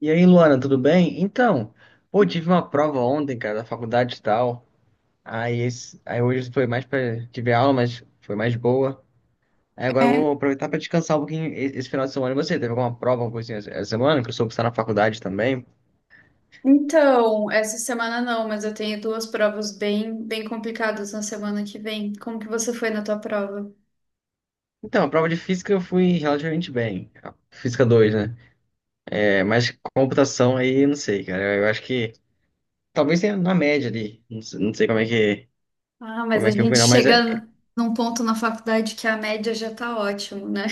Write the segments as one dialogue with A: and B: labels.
A: E aí, Luana, tudo bem? Então, pô, tive uma prova ontem, cara, da faculdade e tal. Aí, hoje foi mais pra. Tive aula, mas foi mais boa. Aí agora eu
B: É,
A: vou aproveitar pra descansar um pouquinho esse final de semana. E você, teve alguma prova, alguma coisinha essa semana? Que eu soube que está na faculdade também.
B: então, essa semana não, mas eu tenho duas provas bem complicadas na semana que vem. Como que você foi na tua prova?
A: Então, a prova de física eu fui relativamente bem. A Física 2, né? É, mas computação aí, eu não sei, cara. Eu acho que talvez tenha na média ali. Não, sei não sei como é que,
B: Ah, mas
A: como
B: a
A: é que eu fui,
B: gente
A: não, mas. É,
B: chega num ponto na faculdade que a média já tá ótimo, né?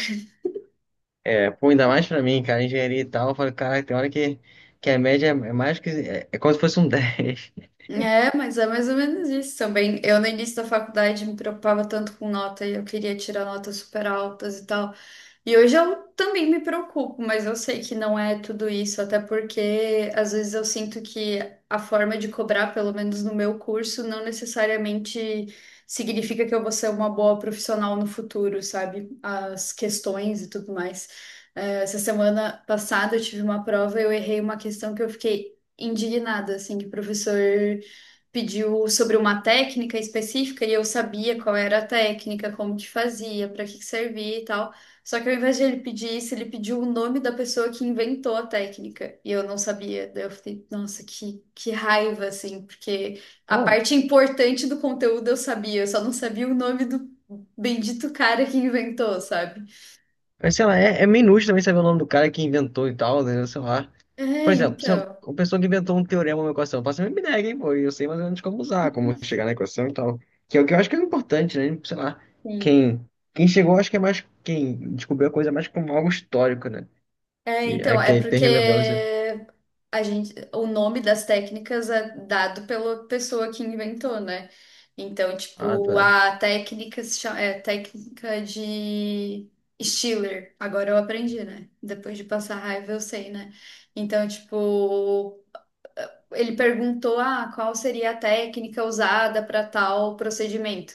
A: É, pô, ainda mais pra mim, cara, engenharia e tal, eu falei, caraca, tem hora que a média é mais que, é como se fosse um 10.
B: É, mas é mais ou menos isso também. Eu, no início da faculdade, me preocupava tanto com nota e eu queria tirar notas super altas e tal. E hoje eu também me preocupo, mas eu sei que não é tudo isso, até porque às vezes eu sinto que a forma de cobrar, pelo menos no meu curso, não necessariamente significa que eu vou ser uma boa profissional no futuro, sabe? As questões e tudo mais. Essa semana passada eu tive uma prova e eu errei uma questão que eu fiquei indignada, assim, que o professor pediu sobre uma técnica específica e eu sabia qual era a técnica, como que fazia, para que que servia e tal. Só que ao invés de ele pedir isso, ele pediu o nome da pessoa que inventou a técnica. E eu não sabia. Daí eu fiquei, nossa, que raiva, assim, porque a
A: Bom,
B: parte importante do conteúdo eu sabia, eu só não sabia o nome do bendito cara que inventou, sabe?
A: mas sei lá, é meio inútil também saber o nome do cara que inventou e tal, né, sei lá. Por
B: É,
A: exemplo, se eu-
B: então.
A: uma pessoa que inventou um teorema, uma equação, eu faço a mesma ideia, hein, pô, e eu sei mais ou menos como usar, como chegar na equação e tal. Que é o que eu acho que é importante, né, sei lá,
B: Sim.
A: quem, quem chegou, acho que é mais, quem descobriu a coisa mais como algo histórico, né,
B: É,
A: que, é,
B: então, é
A: que tem
B: porque
A: relevância.
B: a gente, o nome das técnicas é dado pela pessoa que inventou, né? Então,
A: Ah,
B: tipo,
A: tá.
B: a técnica se chama, é técnica de Stiller. Agora eu aprendi, né? Depois de passar raiva, eu sei, né? Então, tipo, ele perguntou, ah, qual seria a técnica usada para tal procedimento.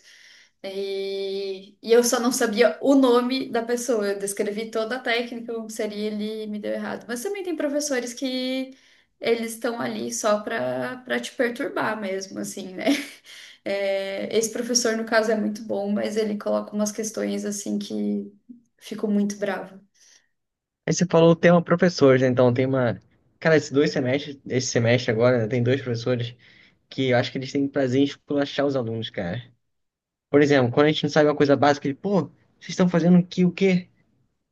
B: E eu só não sabia o nome da pessoa. Eu descrevi toda a técnica como seria, ele me deu errado. Mas também tem professores que eles estão ali só para te perturbar mesmo, assim, né? É, esse professor, no caso, é muito bom, mas ele coloca umas questões assim que fico muito brava.
A: Aí você falou o tema professores, né? Então tem uma. Cara, esses 2 semestres, esse semestre agora, né, tem dois professores que eu acho que eles têm prazer em esculachar os alunos, cara. Por exemplo, quando a gente não sabe uma coisa básica, ele, pô, vocês estão fazendo que o quê?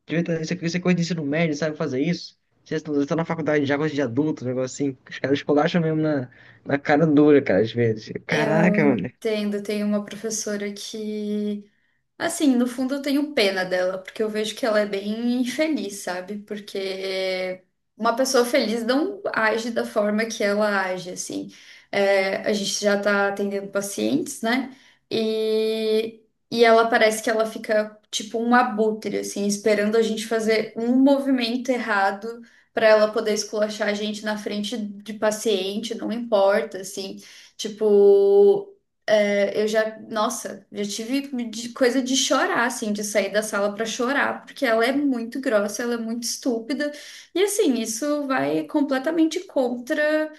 A: Isso aqui, isso é coisa de ensino médio, sabe fazer isso? Vocês estão na faculdade já, coisa de adulto, um negócio assim. Os caras esculacham mesmo na cara dura, cara, às vezes.
B: Eu
A: Caraca, mano.
B: entendo, tem uma professora que, assim, no fundo eu tenho pena dela, porque eu vejo que ela é bem infeliz, sabe? Porque uma pessoa feliz não age da forma que ela age, assim. É, a gente já tá atendendo pacientes, né? E, e ela parece que ela fica tipo um abutre, assim, esperando a gente fazer um movimento errado para ela poder esculachar a gente na frente de paciente, não importa, assim. Tipo. É, eu já, nossa, coisa de chorar, assim, de sair da sala pra chorar, porque ela é muito grossa, ela é muito estúpida, e assim, isso vai completamente contra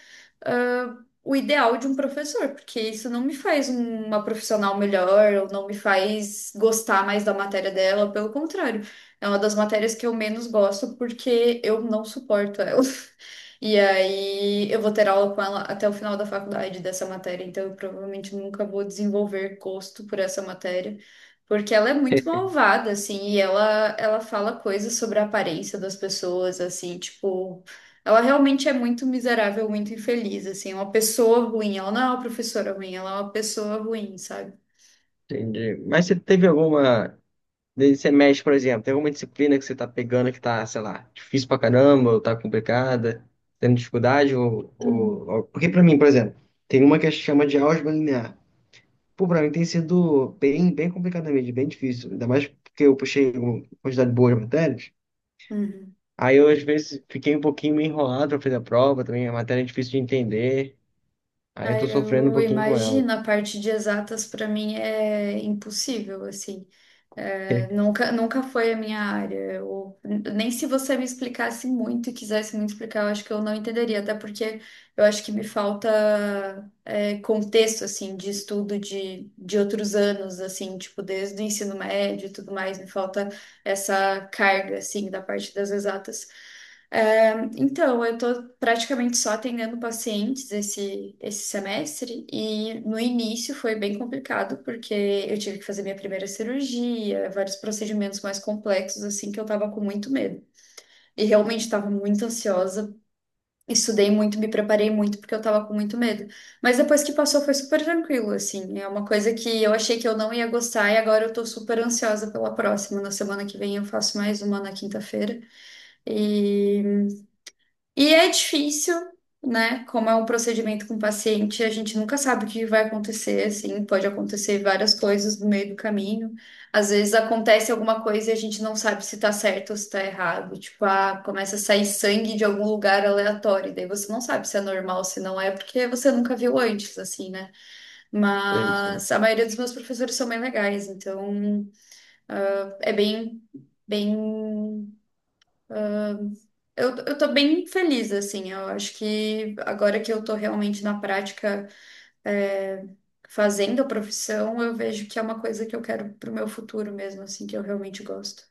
B: ah, o ideal de um professor, porque isso não me faz uma profissional melhor, ou não me faz gostar mais da matéria dela, pelo contrário, é uma das matérias que eu menos gosto porque eu não suporto ela. E aí eu vou ter aula com ela até o final da faculdade dessa matéria, então eu provavelmente nunca vou desenvolver gosto por essa matéria. Porque ela é muito malvada, assim, e ela fala coisas sobre a aparência das pessoas, assim, tipo, ela realmente é muito miserável, muito infeliz, assim, é uma pessoa ruim. Ela não é uma professora ruim, ela é uma pessoa ruim, sabe?
A: Entendi. Mas você teve alguma. Daí você mexe, por exemplo, tem alguma disciplina que você tá pegando que tá, sei lá, difícil pra caramba, ou tá complicada, tendo dificuldade,
B: Hum.
A: porque pra mim, por exemplo, tem uma que chama de álgebra linear. Pô, pra mim tem sido bem complicada mesmo, bem difícil. Ainda mais porque eu puxei uma quantidade boa de matérias.
B: Uhum.
A: Aí eu, às vezes, fiquei um pouquinho meio enrolado pra fazer a prova também, a matéria é difícil de entender. Aí eu tô
B: Aí
A: sofrendo um
B: eu
A: pouquinho com ela.
B: imagino, a parte de exatas pra mim é impossível, assim. É, nunca foi a minha área. Nem se você me explicasse muito e quisesse muito explicar, eu acho que eu não entenderia, até porque eu acho que me falta contexto, assim, de estudo de outros anos, assim, tipo, desde o ensino médio e tudo mais, me falta essa carga, assim, da parte das exatas. É, então, eu estou praticamente só atendendo pacientes esse semestre e no início foi bem complicado porque eu tive que fazer minha primeira cirurgia, vários procedimentos mais complexos assim que eu estava com muito medo. E realmente estava muito ansiosa, estudei muito, me preparei muito porque eu estava com muito medo. Mas depois que passou foi super tranquilo assim. É uma coisa que eu achei que eu não ia gostar e agora eu estou super ansiosa pela próxima. Na semana que vem eu faço mais uma na quinta-feira. E e é difícil, né? Como é um procedimento com paciente, a gente nunca sabe o que vai acontecer, assim, pode acontecer várias coisas no meio do caminho. Às vezes acontece alguma coisa e a gente não sabe se tá certo ou se tá errado. Tipo, ah, começa a sair sangue de algum lugar aleatório, e daí você não sabe se é normal, se não é, porque você nunca viu antes, assim, né?
A: É isso.
B: Mas a maioria dos meus professores são bem legais, então ah, é bem, bem. Eu tô bem feliz, assim. Eu acho que agora que eu tô realmente na prática, é, fazendo a profissão, eu vejo que é uma coisa que eu quero pro meu futuro mesmo, assim, que eu realmente gosto.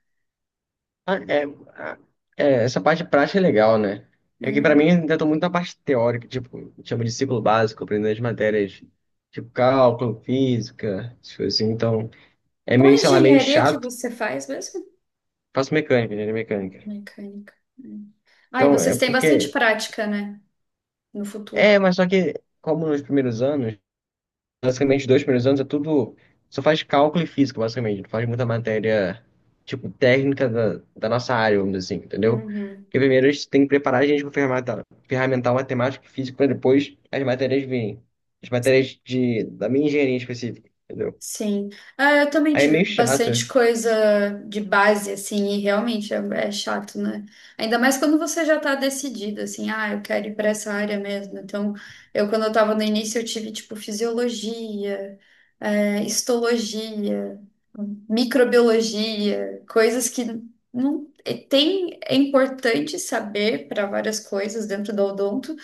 A: Ah, É, ah, é, essa parte prática é legal, né? É que pra mim
B: Hum.
A: ainda tô muito na parte teórica, tipo, chama de ciclo básico, aprendendo as matérias, tipo cálculo, física, essas coisas assim. Então, é
B: Qual
A: meio, sei lá, meio
B: engenharia que
A: chato.
B: você faz mesmo?
A: Faço mecânica, engenharia mecânica.
B: Mecânica. Hum. Ah, e
A: Então, é
B: vocês têm bastante
A: porque.
B: prática, né? No futuro.
A: É, mas só que, como nos primeiros anos. Basicamente, os 2 primeiros anos é tudo. Só faz cálculo e física, basicamente. Não faz muita matéria, tipo, técnica da nossa área, vamos dizer assim, entendeu?
B: Uhum.
A: Porque primeiro a gente tem que preparar a gente para ferramental matemática e física para depois as matérias virem. As matérias de, da minha engenharia específica, entendeu?
B: Sim. Ah, eu também
A: Aí é
B: tive
A: meio
B: bastante
A: chato.
B: coisa de base, assim, e realmente é, é chato, né? Ainda mais quando você já tá decidido, assim, ah, eu quero ir para essa área mesmo. Então, eu, quando eu tava no início, eu tive, tipo, fisiologia, histologia, microbiologia, coisas que não. E tem, é importante saber para várias coisas dentro do odonto,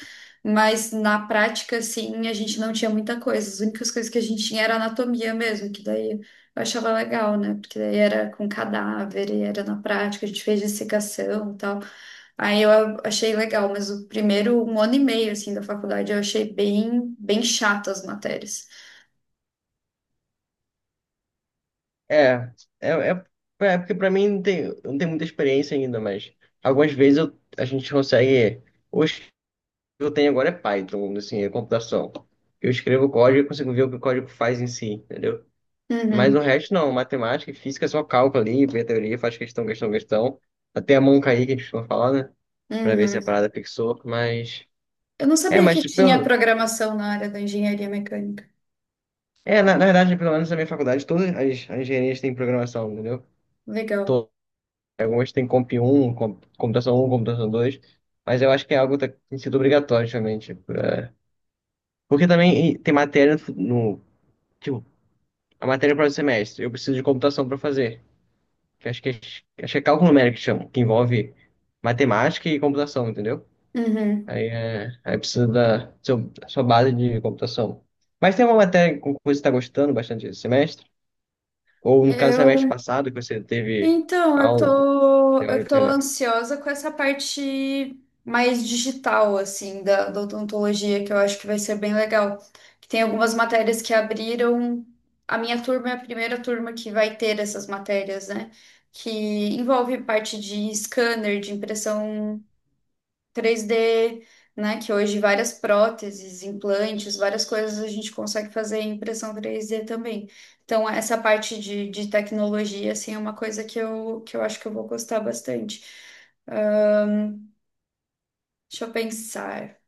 B: mas na prática, assim, a gente não tinha muita coisa. As únicas coisas que a gente tinha era anatomia mesmo, que daí eu achava legal, né? Porque daí era com cadáver e era na prática, a gente fez dissecação e tal. Aí eu achei legal, mas o primeiro 1 ano e meio, assim, da faculdade eu achei bem chato as matérias.
A: É, é, é, é porque para mim não tem muita experiência ainda, mas algumas vezes eu, a gente consegue. Ou eu tenho agora é Python, assim, é computação. Eu escrevo código e consigo ver o que o código faz em si, entendeu? Mas o
B: Uhum,
A: resto não, matemática e física é só cálculo ali, vê a teoria, faz questão, questão, questão. Até a mão cair, que a gente for falar, né? Pra ver se a
B: uhum.
A: parada fixou, mas...
B: Eu não
A: É,
B: sabia que
A: mas
B: tinha
A: pelo...
B: programação na área da engenharia mecânica.
A: É, na verdade, pelo menos na minha faculdade, todas as engenharias têm programação, entendeu?
B: Legal.
A: Todas. Algumas têm Computação um, Computação 2. Mas eu acho que é algo que tem sido obrigatório, realmente. Pra- porque também tem matéria no- tipo, a matéria para o semestre. Eu preciso de computação para fazer. Que acho que é cálculo numérico que chama, que envolve matemática e computação, entendeu?
B: Uhum.
A: Aí, é, aí precisa sua base de computação. Mas tem uma matéria com que você está gostando bastante esse semestre? Ou no caso,
B: Eu
A: semestre passado, que você teve
B: Então,
A: aula
B: eu tô
A: teórica, né?
B: ansiosa com essa parte mais digital, assim, da odontologia, que eu acho que vai ser bem legal. Que tem algumas matérias que abriram. A minha turma é a primeira turma que vai ter essas matérias, né? Que envolve parte de scanner, de impressão 3D, né? Que hoje várias próteses, implantes, várias coisas a gente consegue fazer em impressão 3D também. Então, essa parte de tecnologia, assim, é uma coisa que eu acho que eu vou gostar bastante. Ah, deixa eu pensar.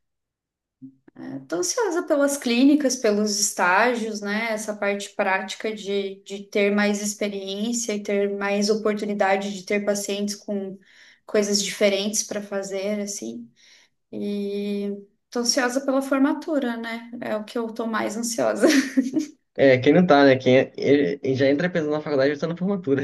B: Estou ansiosa pelas clínicas, pelos estágios, né? Essa parte prática de ter mais experiência e ter mais oportunidade de ter pacientes com coisas diferentes para fazer, assim. E tô ansiosa pela formatura, né? É o que eu tô mais ansiosa.
A: É, quem não tá, né? Ele já entra pensando na faculdade, já está na formatura.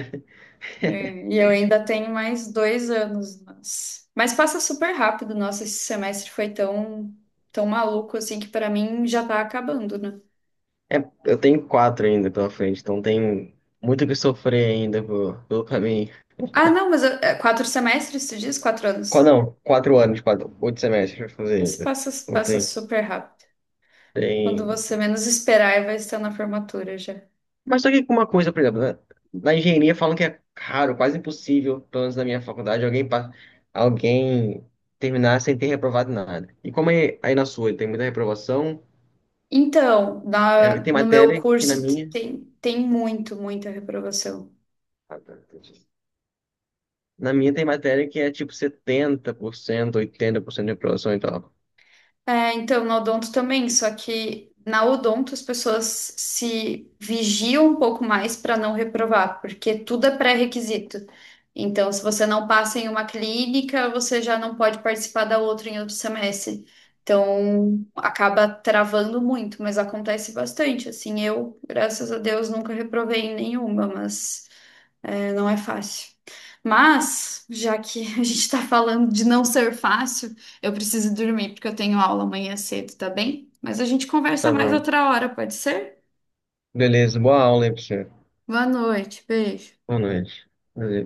B: É, e eu ainda tenho mais 2 anos, mas mas passa super rápido. Nossa, esse semestre foi tão, tão maluco assim que pra mim já tá acabando, né?
A: É, eu tenho quatro ainda pela frente, então tem muito o que sofrer ainda pelo caminho.
B: Ah, não, é, 4 semestres, tu diz? Quatro anos.
A: Não, 4 anos, quatro, 8 semestres pra fazer
B: Mas
A: ainda.
B: passa,
A: Não
B: passa
A: tem,
B: super rápido. Quando
A: tem.
B: você menos esperar, vai estar na formatura já.
A: Mas só que uma coisa, por exemplo, né? Na engenharia falam que é raro, quase impossível, pelo menos na minha faculdade, alguém terminar sem ter reprovado nada. E como é aí na sua, tem muita reprovação,
B: Então,
A: é, tem
B: no meu
A: matéria que na
B: curso
A: minha.
B: tem, tem muito, muita reprovação.
A: Ah, tá, entendi. Na minha tem matéria que é tipo 70% 80% de reprovação e tal.
B: É, então, na odonto também, só que na odonto as pessoas se vigiam um pouco mais para não reprovar, porque tudo é pré-requisito. Então, se você não passa em uma clínica, você já não pode participar da outra em outro semestre. Então, acaba travando muito, mas acontece bastante. Assim, eu, graças a Deus, nunca reprovei em nenhuma, mas. Não é fácil. Mas, já que a gente está falando de não ser fácil, eu preciso dormir porque eu tenho aula amanhã cedo, tá bem? Mas a gente conversa
A: Tá
B: mais
A: bom.
B: outra hora, pode ser?
A: Beleza, boa aula aí pra você.
B: Boa noite, beijo.
A: Boa noite. Valeu.